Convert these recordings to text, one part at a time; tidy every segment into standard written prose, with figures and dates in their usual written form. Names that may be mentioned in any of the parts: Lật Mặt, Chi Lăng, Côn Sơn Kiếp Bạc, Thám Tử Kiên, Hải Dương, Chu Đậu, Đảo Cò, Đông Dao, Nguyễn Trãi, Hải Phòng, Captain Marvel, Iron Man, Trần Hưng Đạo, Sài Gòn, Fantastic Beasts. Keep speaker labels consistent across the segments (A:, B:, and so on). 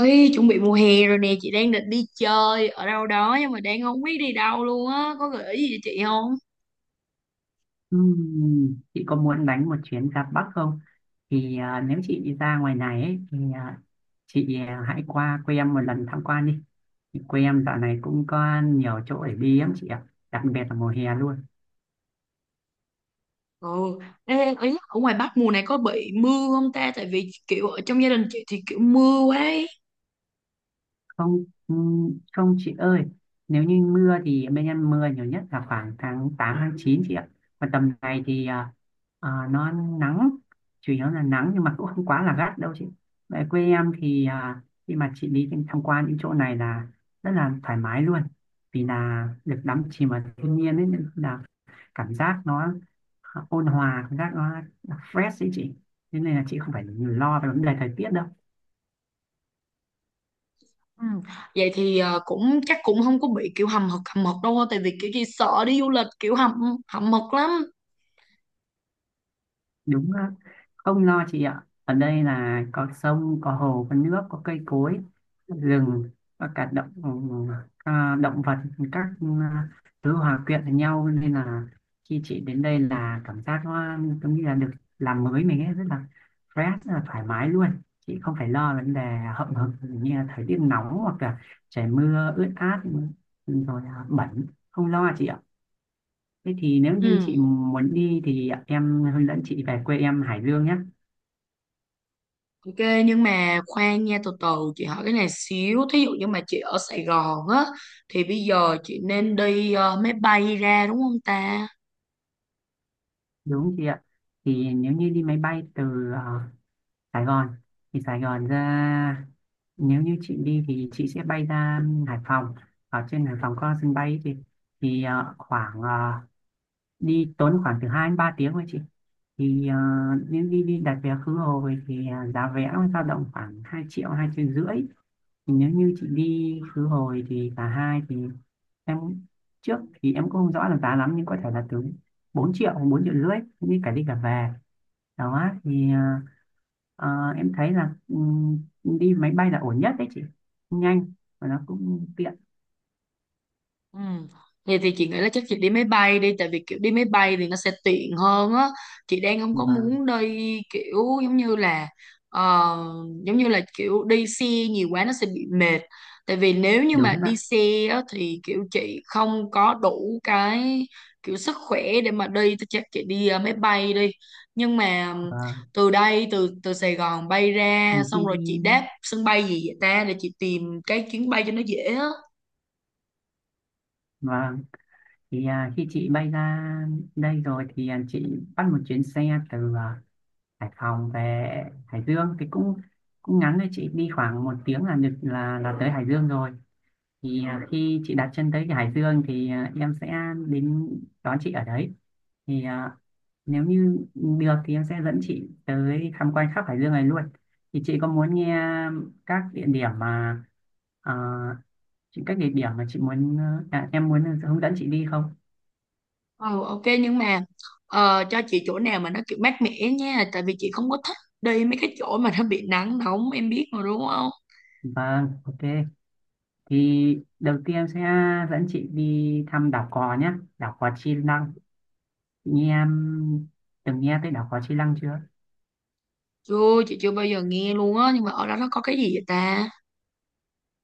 A: Ê, chuẩn bị mùa hè rồi nè, chị đang định đi chơi ở đâu đó nhưng mà đang không biết đi đâu luôn á, có gợi ý gì cho chị không?
B: Chị có muốn đánh một chuyến ra Bắc không? Thì nếu chị đi ra ngoài này ấy, thì chị hãy qua quê em một lần tham quan đi. Thì quê em dạo này cũng có nhiều chỗ để đi lắm chị ạ, đặc biệt là mùa hè luôn.
A: Ừ, ê, ý, là ở ngoài Bắc mùa này có bị mưa không ta? Tại vì kiểu ở trong gia đình chị thì kiểu mưa quá ấy.
B: Không không chị ơi, nếu như mưa thì bên em mưa nhiều nhất là khoảng tháng 8 tháng 9 chị ạ. Còn tầm này thì nó nắng, chủ yếu là nắng nhưng mà cũng không quá là gắt đâu chị. Tại quê em thì khi mà chị đi tham quan những chỗ này là rất là thoải mái luôn, vì là được đắm chìm vào thiên nhiên ấy nên là cảm giác nó ôn hòa, cảm giác nó fresh ấy chị. Thế nên là chị không phải lo về vấn đề thời tiết đâu.
A: Ừ. Vậy thì cũng chắc cũng không có bị kiểu hầm hực đâu, tại vì kiểu chị sợ đi du lịch kiểu hầm hầm hực lắm.
B: Đúng á. Không lo chị ạ, ở đây là có sông có hồ có nước có cây cối, rừng và cả động vật, các à, thứ hòa quyện với nhau nên là khi chị đến đây là cảm giác nó giống như là được làm mới mình ấy, rất là fresh, rất là thoải mái luôn. Chị không phải lo vấn đề hậm hực như là thời tiết nóng hoặc là trời mưa ướt át rồi bẩn, không lo chị ạ. Thế thì nếu như
A: Ừ.
B: chị muốn đi thì em hướng dẫn chị về quê em Hải Dương nhé.
A: Ok, nhưng mà khoan nha từ từ chị hỏi cái này xíu, thí dụ như mà chị ở Sài Gòn á thì bây giờ chị nên đi máy bay ra đúng không ta?
B: Đúng chị ạ. Thì nếu như đi máy bay từ ờ, Sài Gòn, thì Sài Gòn ra, nếu như chị đi thì chị sẽ bay ra Hải Phòng. Ở trên Hải Phòng có sân bay thì khoảng đi tốn khoảng từ 2 đến 3 tiếng thôi chị. Thì nếu đi đi đặt vé khứ hồi thì giá vé nó dao động khoảng 2 triệu, 2 triệu rưỡi, thì nếu như chị đi khứ hồi thì cả hai thì em trước thì em cũng không rõ là giá lắm nhưng có thể là từ 4 triệu hoặc 4 triệu rưỡi như cả đi cả về. Đó thì em thấy là đi máy bay là ổn nhất đấy chị, nhanh và nó cũng tiện
A: Ừ. Vậy thì chị nghĩ là chắc chị đi máy bay đi, tại vì kiểu đi máy bay thì nó sẽ tiện hơn á, chị đang không có
B: và
A: muốn đi kiểu giống như là ờ, giống như là kiểu đi xe nhiều quá nó sẽ bị mệt, tại vì nếu như mà
B: đúng
A: đi
B: ạ
A: xe á, thì kiểu chị không có đủ cái kiểu sức khỏe để mà đi thì chắc chị đi máy bay đi, nhưng mà
B: và
A: từ đây từ từ Sài Gòn bay ra
B: vì khi
A: xong rồi
B: đi
A: chị đáp sân bay gì vậy ta, để chị tìm cái chuyến bay cho nó dễ á.
B: và thì khi chị bay ra đây rồi thì chị bắt một chuyến xe từ Hải Phòng về Hải Dương thì cũng cũng ngắn thôi chị, đi khoảng một tiếng là được, là tới Hải Dương rồi. Thì khi chị đặt chân tới cái Hải Dương thì em sẽ đến đón chị ở đấy, thì nếu như được thì em sẽ dẫn chị tới tham quan khắp Hải Dương này luôn. Thì chị có muốn nghe các địa điểm mà à, chị các địa điểm mà chị muốn em muốn hướng dẫn chị đi không?
A: Ừ, ok nhưng mà cho chị chỗ nào mà nó kiểu mát mẻ nha, tại vì chị không có thích đi mấy cái chỗ mà nó bị nắng nóng, em biết mà đúng không?
B: Vâng, ok. Thì đầu tiên em sẽ dẫn chị đi thăm đảo Cò nhé, đảo Cò Chi Lăng. Chị nghe em, từng nghe tới đảo Cò Chi Lăng chưa?
A: Chưa, chị chưa bao giờ nghe luôn á, nhưng mà ở đó nó có cái gì vậy ta?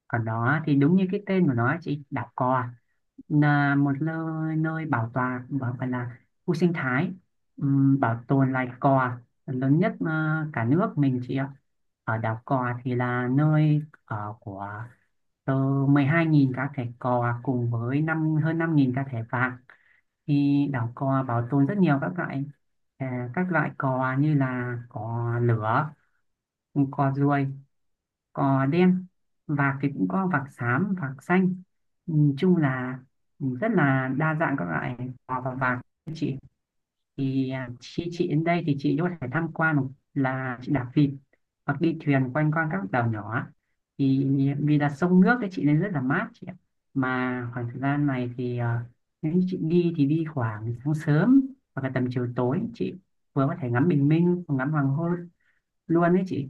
B: Còn đó thì đúng như cái tên của nó chị, đảo cò là một nơi, nơi bảo tồn, phải là khu sinh thái, bảo tồn loài cò lớn nhất cả nước mình chị ạ. Ở đảo cò thì là nơi ở của từ 12.000 cá thể cò cùng với hơn 5.000 cá thể vạc. Thì đảo cò bảo tồn rất nhiều các loại, cò như là cò lửa, cò ruồi, cò đen. Vạc thì cũng có vạc xám, vạc xanh. Nhìn chung là rất là đa dạng các loại cò và vạc. Thì khi chị đến đây thì chị có thể tham quan, một là chị đạp vịt hoặc đi thuyền quanh quanh các đảo nhỏ, thì vì là sông nước ấy chị nên rất là mát chị ạ. Mà khoảng thời gian này thì nếu như chị đi thì đi khoảng sáng sớm hoặc là tầm chiều tối chị, vừa có thể ngắm bình minh, ngắm hoàng hôn luôn đấy chị.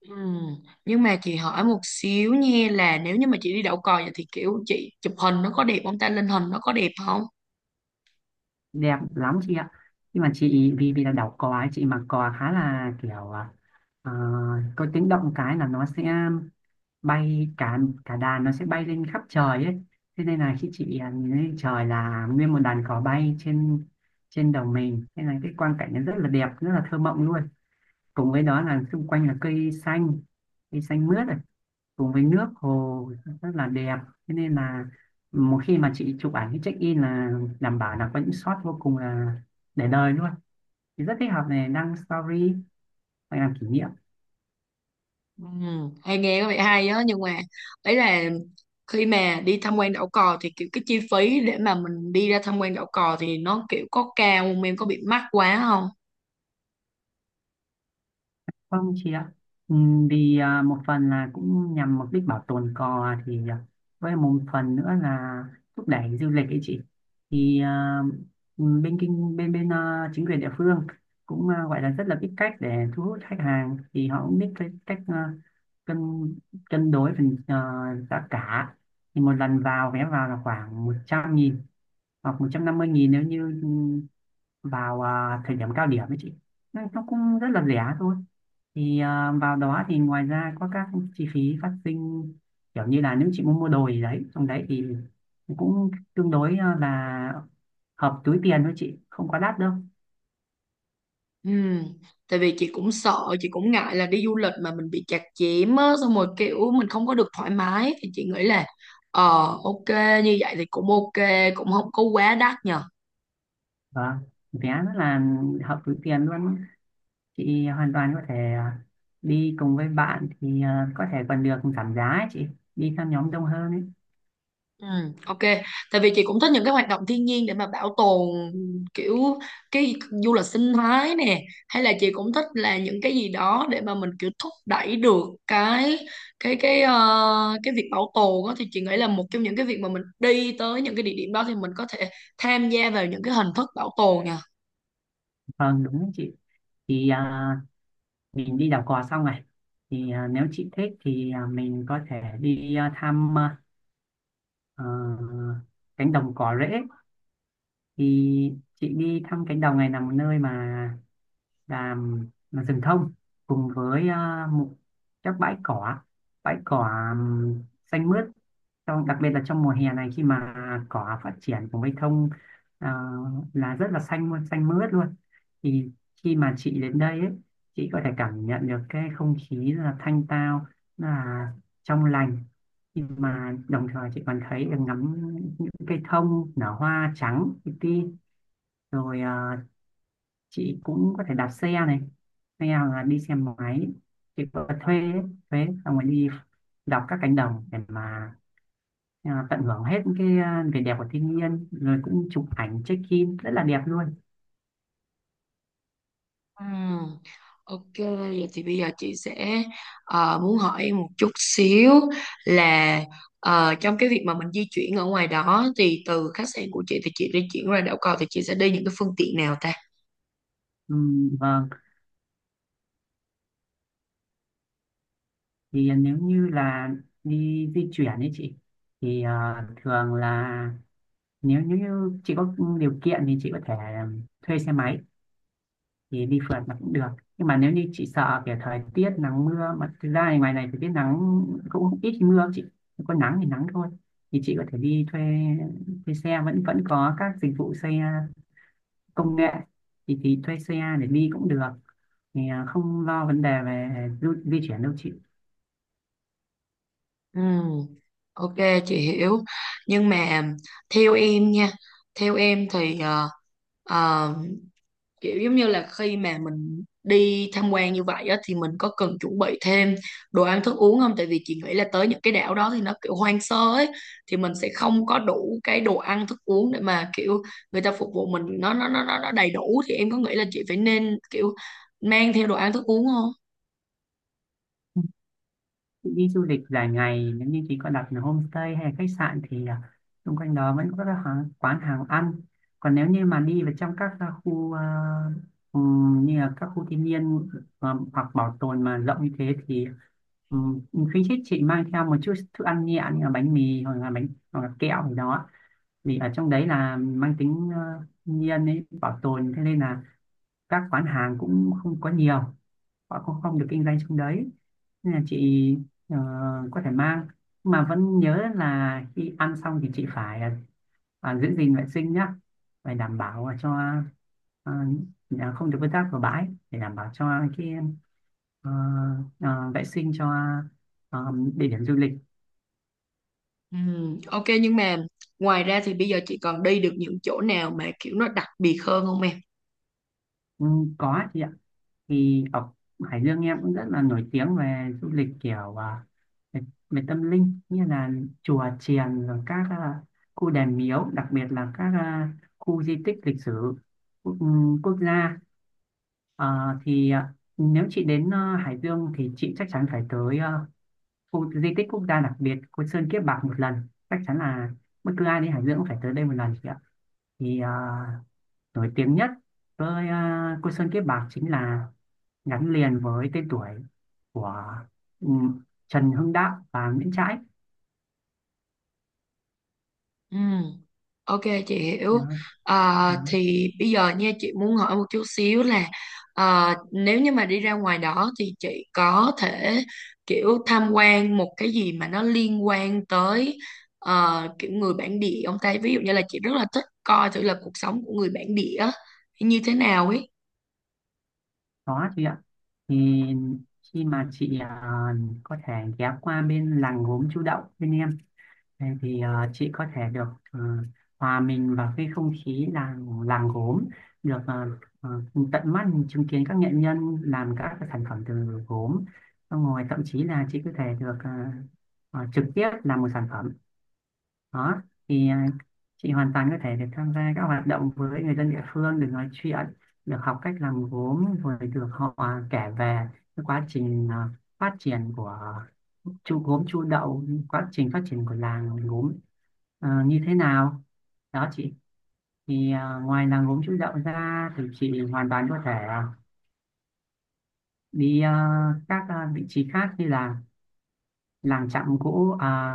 A: Ừ. Nhưng mà chị hỏi một xíu nha, là nếu như mà chị đi đậu cò vậy thì kiểu chị chụp hình nó có đẹp không ta, lên hình nó có đẹp không?
B: Đẹp lắm chị ạ, nhưng mà chị, vì vì là đảo cò ấy, chị mặc cò khá là kiểu ờ, có tiếng động cái là nó sẽ bay, cả cả đàn nó sẽ bay lên khắp trời ấy. Thế nên là khi chị nhìn lên trời là nguyên một đàn cò bay trên trên đầu mình thế này, cái quang cảnh nó rất là đẹp, rất là thơ mộng luôn. Cùng với đó là xung quanh là cây xanh, cây xanh mướt, cùng với nước hồ, rất là đẹp. Thế nên là một khi mà chị chụp ảnh cái check in là đảm bảo là có những shot vô cùng là để đời luôn, thì rất thích hợp này, đăng story hoặc làm kỷ niệm.
A: Ừ. Hay, nghe có vẻ hay á, nhưng mà ấy là khi mà đi tham quan đảo cò thì kiểu cái chi phí để mà mình đi ra tham quan đảo cò thì nó kiểu có cao không em, có bị mắc quá không?
B: Vâng chị ạ. Vì một phần là cũng nhằm mục đích bảo tồn cò, thì với một phần nữa là thúc đẩy du lịch ấy chị. Thì bên kinh bên bên à, chính quyền địa phương cũng gọi là rất là biết cách để thu hút khách hàng, thì họ cũng biết cái cách cân cân đối phần giá cả. Thì một lần vào, vé vào là khoảng 100.000 hoặc 150.000 nếu như vào thời điểm cao điểm ấy chị. Nên nó cũng rất là rẻ thôi, thì vào đó thì ngoài ra có các chi phí phát sinh kiểu như là nếu chị muốn mua đồ gì đấy trong đấy thì cũng tương đối là hợp túi tiền thôi chị, không quá đắt đâu.
A: Ừ, tại vì chị cũng sợ, chị cũng ngại là đi du lịch mà mình bị chặt chém á, xong rồi kiểu mình không có được thoải mái thì chị nghĩ là ờ ok, như vậy thì cũng ok, cũng không có quá đắt nhờ.
B: Và vé rất là hợp túi tiền luôn, chị hoàn toàn có thể đi cùng với bạn thì có thể còn được giảm giá ấy chị, đi theo nhóm đông hơn ấy.
A: Ừ, ok. Tại vì chị cũng thích những cái hoạt động thiên nhiên để mà bảo tồn, kiểu cái du lịch sinh thái nè, hay là chị cũng thích là những cái gì đó để mà mình kiểu thúc đẩy được cái việc bảo tồn đó, thì chị nghĩ là một trong những cái việc mà mình đi tới những cái địa điểm đó thì mình có thể tham gia vào những cái hình thức bảo tồn nhỉ.
B: Vâng đúng đấy chị. Thì mình đi đảo cò xong này, thì nếu chị thích thì mình có thể đi thăm ờ, cánh đồng cỏ rễ. Thì chị đi thăm cánh đồng này là một nơi mà làm là rừng thông cùng với một các bãi cỏ xanh mướt, trong đặc biệt là trong mùa hè này khi mà cỏ phát triển cùng với thông à, là rất là xanh luôn, xanh mướt luôn. Thì khi mà chị đến đây ấy, chị có thể cảm nhận được cái không khí là thanh tao, là trong lành, nhưng mà đồng thời chị còn thấy được, ngắm cây thông nở hoa trắng li ti, rồi chị cũng có thể đạp xe này hay là đi xe máy, chị có thuê ấy, thuê xong rồi đi đọc các cánh đồng để mà tận hưởng hết cái vẻ đẹp của thiên nhiên, rồi cũng chụp ảnh check in rất là đẹp luôn.
A: Ừm, Ok, vậy thì bây giờ chị sẽ muốn hỏi em một chút xíu, là trong cái việc mà mình di chuyển ở ngoài đó thì từ khách sạn của chị thì chị di chuyển ra đảo cầu thì chị sẽ đi những cái phương tiện nào ta?
B: Vâng, thì nếu như là đi di chuyển ấy chị, thì thường là nếu như chị có điều kiện thì chị có thể thuê xe máy, thì đi phượt là cũng được, nhưng mà nếu như chị sợ kiểu thời tiết nắng mưa, mà thực ra thì ngoài này thời tiết nắng cũng ít mưa chị, có nắng thì nắng thôi, thì chị có thể đi thuê thuê xe, vẫn vẫn có các dịch vụ xe công nghệ, thì thuê xe để đi cũng được. Thì không lo vấn đề về di chuyển đâu chị.
A: Ừm, Ok, chị hiểu. Nhưng mà theo em nha, theo em thì ờ, kiểu giống như là khi mà mình đi tham quan như vậy á, thì mình có cần chuẩn bị thêm đồ ăn thức uống không? Tại vì chị nghĩ là tới những cái đảo đó thì nó kiểu hoang sơ ấy, thì mình sẽ không có đủ cái đồ ăn thức uống để mà kiểu người ta phục vụ mình nó đầy đủ, thì em có nghĩ là chị phải nên kiểu mang theo đồ ăn thức uống không?
B: Đi du lịch dài ngày nếu như chị có đặt là homestay hay là khách sạn thì xung quanh đó vẫn có các hàng, quán hàng ăn. Còn nếu như mà đi vào trong các khu như là các khu thiên nhiên hoặc bảo tồn mà rộng như thế thì um, khuyến khích chị mang theo một chút thức ăn nhẹ như là bánh mì hoặc là bánh hoặc là kẹo gì đó, vì ở trong đấy là mang tính thiên nhiên ấy, bảo tồn, thế nên là các quán hàng cũng không có nhiều, họ cũng không được kinh doanh trong đấy, nên là chị Ờ, có thể mang, mà vẫn nhớ là khi ăn xong thì chị phải giữ gìn vệ sinh nhá, phải đảm bảo là cho không được vứt rác vào bãi, để đảm bảo cho cái ờ, vệ sinh cho địa điểm du lịch.
A: Ok, nhưng mà ngoài ra thì bây giờ chị còn đi được những chỗ nào mà kiểu nó đặc biệt hơn không em?
B: Ừ, có chị ạ. Thì ở Hải Dương em cũng rất là nổi tiếng về du lịch kiểu về, về tâm linh như là chùa chiền, rồi các khu đền miếu, đặc biệt là các khu di tích lịch sử quốc, ừ, quốc gia. Nếu chị đến Hải Dương thì chị chắc chắn phải tới khu di tích quốc gia đặc biệt Côn Sơn Kiếp Bạc một lần, chắc chắn là bất cứ ai đến Hải Dương cũng phải tới đây một lần chị ạ. thì à, nổi tiếng nhất với Cô Sơn Kiếp Bạc chính là gắn liền với tên tuổi của ừ, Trần Hưng Đạo và Nguyễn Trãi
A: Ừm. Ok, chị hiểu.
B: đó,
A: À,
B: đó.
A: thì bây giờ nha chị muốn hỏi một chút xíu, là à, nếu như mà đi ra ngoài đó thì chị có thể kiểu tham quan một cái gì mà nó liên quan tới kiểu người bản địa ông ta, ví dụ như là chị rất là thích coi thử là cuộc sống của người bản địa như thế nào ấy.
B: Đó chị ạ, thì khi mà chị có thể ghé qua bên làng gốm Chu Đậu bên em. Thế thì chị có thể được ờ, hòa mình vào cái không khí làng làng gốm, được ờ, tận mắt chứng kiến các nghệ nhân làm các cái sản phẩm từ gốm. Xong rồi thậm chí là chị có thể được trực tiếp làm một sản phẩm đó. thì à, chị hoàn toàn có thể được tham gia các hoạt động với người dân địa phương, được nói chuyện, được học cách làm gốm, rồi được họ kể về cái quá trình phát triển của Chu Đậu, quá trình phát triển của làng gốm như thế nào đó chị. Ngoài làng gốm Chu Đậu ra thì chị hoàn toàn có thể đi các vị trí khác như là làng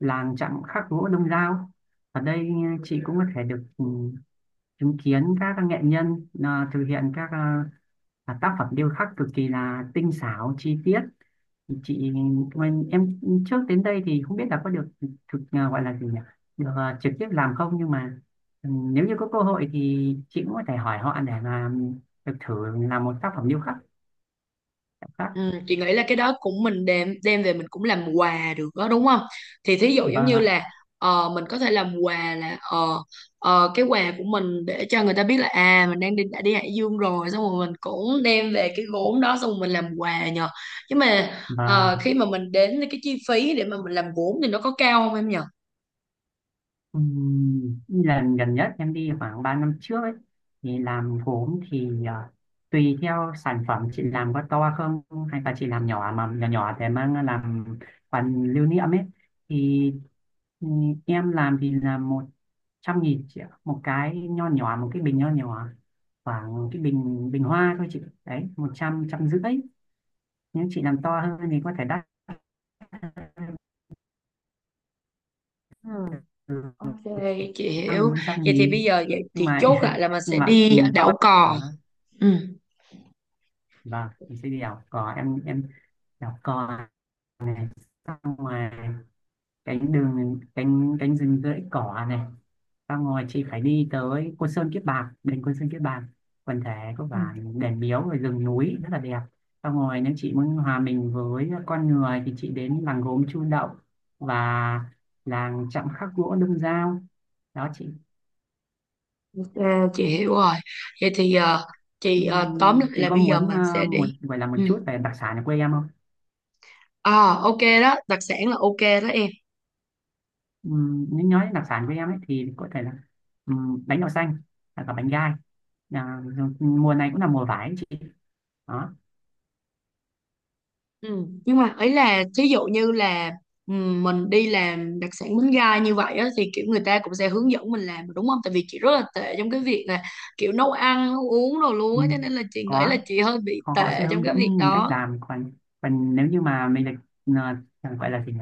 B: làng chạm khắc gỗ Đông Dao. Ở đây chị cũng có thể được chứng kiến các nghệ nhân thực hiện các tác phẩm điêu khắc cực kỳ là tinh xảo chi tiết chị. Em trước đến đây thì không biết là có được gọi là gì nhỉ, được trực tiếp làm không, nhưng mà nếu như có cơ hội thì chị cũng có thể hỏi họ để mà được thử làm một tác phẩm điêu khắc, điêu khắc.
A: Ừ, chị nghĩ là cái đó cũng mình đem đem về mình cũng làm quà được đó đúng không? Thì thí dụ giống
B: Vâng
A: như
B: ạ.
A: là mình có thể làm quà là cái quà của mình để cho người ta biết là à mình đang đi đã đi Hải Dương rồi, xong rồi mình cũng đem về cái gốm đó xong rồi mình làm quà nhờ. Nhưng mà
B: và
A: khi mà mình đến, cái chi phí để mà mình làm gốm thì nó có cao không em nhờ?
B: Lần gần nhất em đi khoảng 3 năm trước ấy, thì làm gốm thì tùy theo sản phẩm chị làm có to không, hay là chị làm nhỏ, mà nhỏ nhỏ để mang làm phần lưu niệm ấy. Thì em làm thì là 100.000 chị ạ, một cái nho nhỏ, một cái bình nho nhỏ, khoảng cái bình bình hoa thôi chị đấy, 100, 150.000. Nếu chị làm to hơn thì có thể đắt.
A: Ừ.
B: Ừ,
A: Ok, chị hiểu.
B: bốn trăm
A: Vậy thì bây
B: nghìn
A: giờ vậy
B: nhưng
A: chị
B: mà
A: chốt lại là mình
B: nhưng
A: sẽ
B: mà ừ,
A: đi
B: to
A: đảo cò.
B: đó.
A: Ừ.
B: Vâng, mình sẽ đi đảo cò. Em đảo cò này, xong ngoài cánh đường, cánh cánh rừng rẫy cỏ này, xong rồi chị phải đi tới Côn Sơn Kiếp Bạc, đền Côn Sơn Kiếp Bạc, quần thể có
A: Ừ.
B: vài đền miếu rồi rừng núi rất là đẹp. Xong rồi nếu chị muốn hòa mình với con người thì chị đến làng gốm Chu Đậu và làng chạm khắc gỗ Đông Dao đó chị.
A: À, chị hiểu rồi. Vậy thì chị tóm lại
B: Chị
A: là
B: có
A: bây giờ
B: muốn
A: mình sẽ
B: một
A: đi.
B: gọi là một
A: Ừ.
B: chút về đặc sản ở quê em không?
A: À, ok đó, đặc sản là ok đó em.
B: Nếu nói đến đặc sản quê em ấy thì có thể là bánh đậu xanh hoặc là bánh gai. À, rồi mùa này cũng là mùa vải ấy chị. Đó.
A: Ừ. Nhưng mà ấy là thí dụ như là mình đi làm đặc sản bánh gai như vậy á, thì kiểu người ta cũng sẽ hướng dẫn mình làm đúng không? Tại vì chị rất là tệ trong cái việc là kiểu nấu ăn, nấu uống đồ luôn á, cho
B: Ừm,
A: nên là chị nghĩ là
B: có,
A: chị hơi bị
B: họ họ sẽ
A: tệ trong
B: hướng
A: cái việc
B: dẫn mình cách
A: đó.
B: làm. Còn còn nếu như mà mình được gọi là gì nhỉ?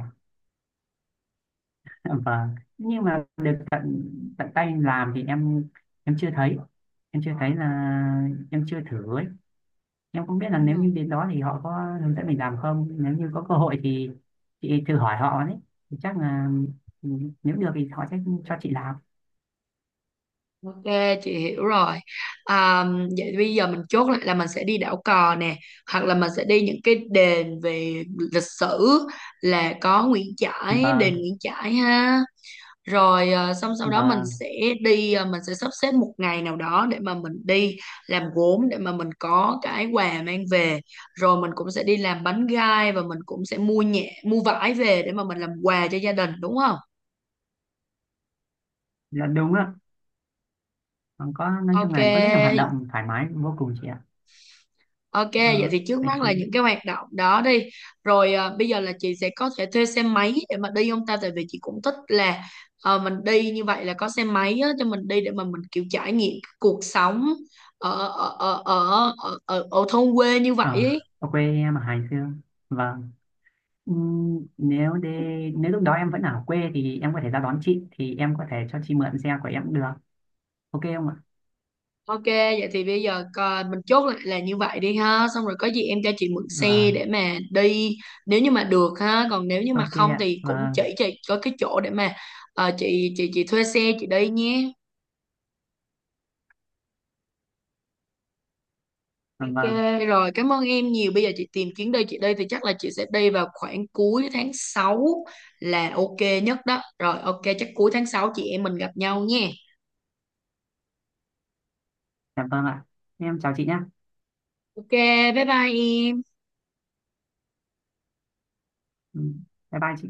B: Vâng. Nhưng mà được tận tận tay làm thì em chưa thấy. Em chưa thấy là em chưa thử ấy. Em không biết là nếu như
A: Ừ.
B: đến đó thì họ có hướng dẫn mình làm không, nếu như có cơ hội thì chị thử hỏi họ đấy, thì chắc là ừ, nếu được thì họ sẽ cho chị làm.
A: Ok, chị hiểu rồi. À, vậy bây giờ mình chốt lại là mình sẽ đi đảo cò nè, hoặc là mình sẽ đi những cái đền về lịch sử, là có Nguyễn Trãi,
B: và
A: đền Nguyễn Trãi ha, rồi à, xong sau đó mình
B: và
A: sẽ đi, à, mình sẽ sắp xếp một ngày nào đó để mà mình đi làm gốm, để mà mình có cái quà mang về, rồi mình cũng sẽ đi làm bánh gai và mình cũng sẽ mua nhẹ mua vải về để mà mình làm quà cho gia đình đúng không?
B: là đúng ạ. Còn có, nói chung
A: Ok.
B: là có rất nhiều hoạt động thoải mái vô cùng chị ạ.
A: Ok, vậy
B: ờ,
A: thì trước
B: vậy
A: mắt là
B: thì
A: những cái hoạt động đó đi. Rồi à, bây giờ là chị sẽ có thể thuê xe máy để mà đi không ta? Tại vì chị cũng thích là mình đi như vậy là có xe máy á, cho mình đi để mà mình kiểu trải nghiệm cái cuộc sống ở thôn quê như vậy
B: ờ,
A: ấy.
B: ở quê em ở Hải Dương, vâng. Ừm, nếu để, nếu lúc đó em vẫn ở quê thì em có thể ra đón chị, thì em có thể cho chị mượn xe của em cũng được, ok không ạ?
A: Ok, vậy thì bây giờ coi, mình chốt lại là như vậy đi ha. Xong rồi có gì em cho chị mượn xe để
B: Vâng.
A: mà đi nếu như mà được ha. Còn nếu như mà
B: Ok
A: không
B: ạ,
A: thì cũng chỉ
B: vâng.
A: chị có cái chỗ để mà chị thuê xe chị đi nhé. Ok,
B: Vâng.
A: rồi, cảm ơn em nhiều. Bây giờ chị tìm chuyến đi chị đi thì chắc là chị sẽ đi vào khoảng cuối tháng 6 là ok nhất đó. Rồi ok, chắc cuối tháng 6 chị em mình gặp nhau nha.
B: Dạ vâng ạ, em chào chị nhé.
A: Ok, bye bye em.
B: Ừ. Bye bye chị.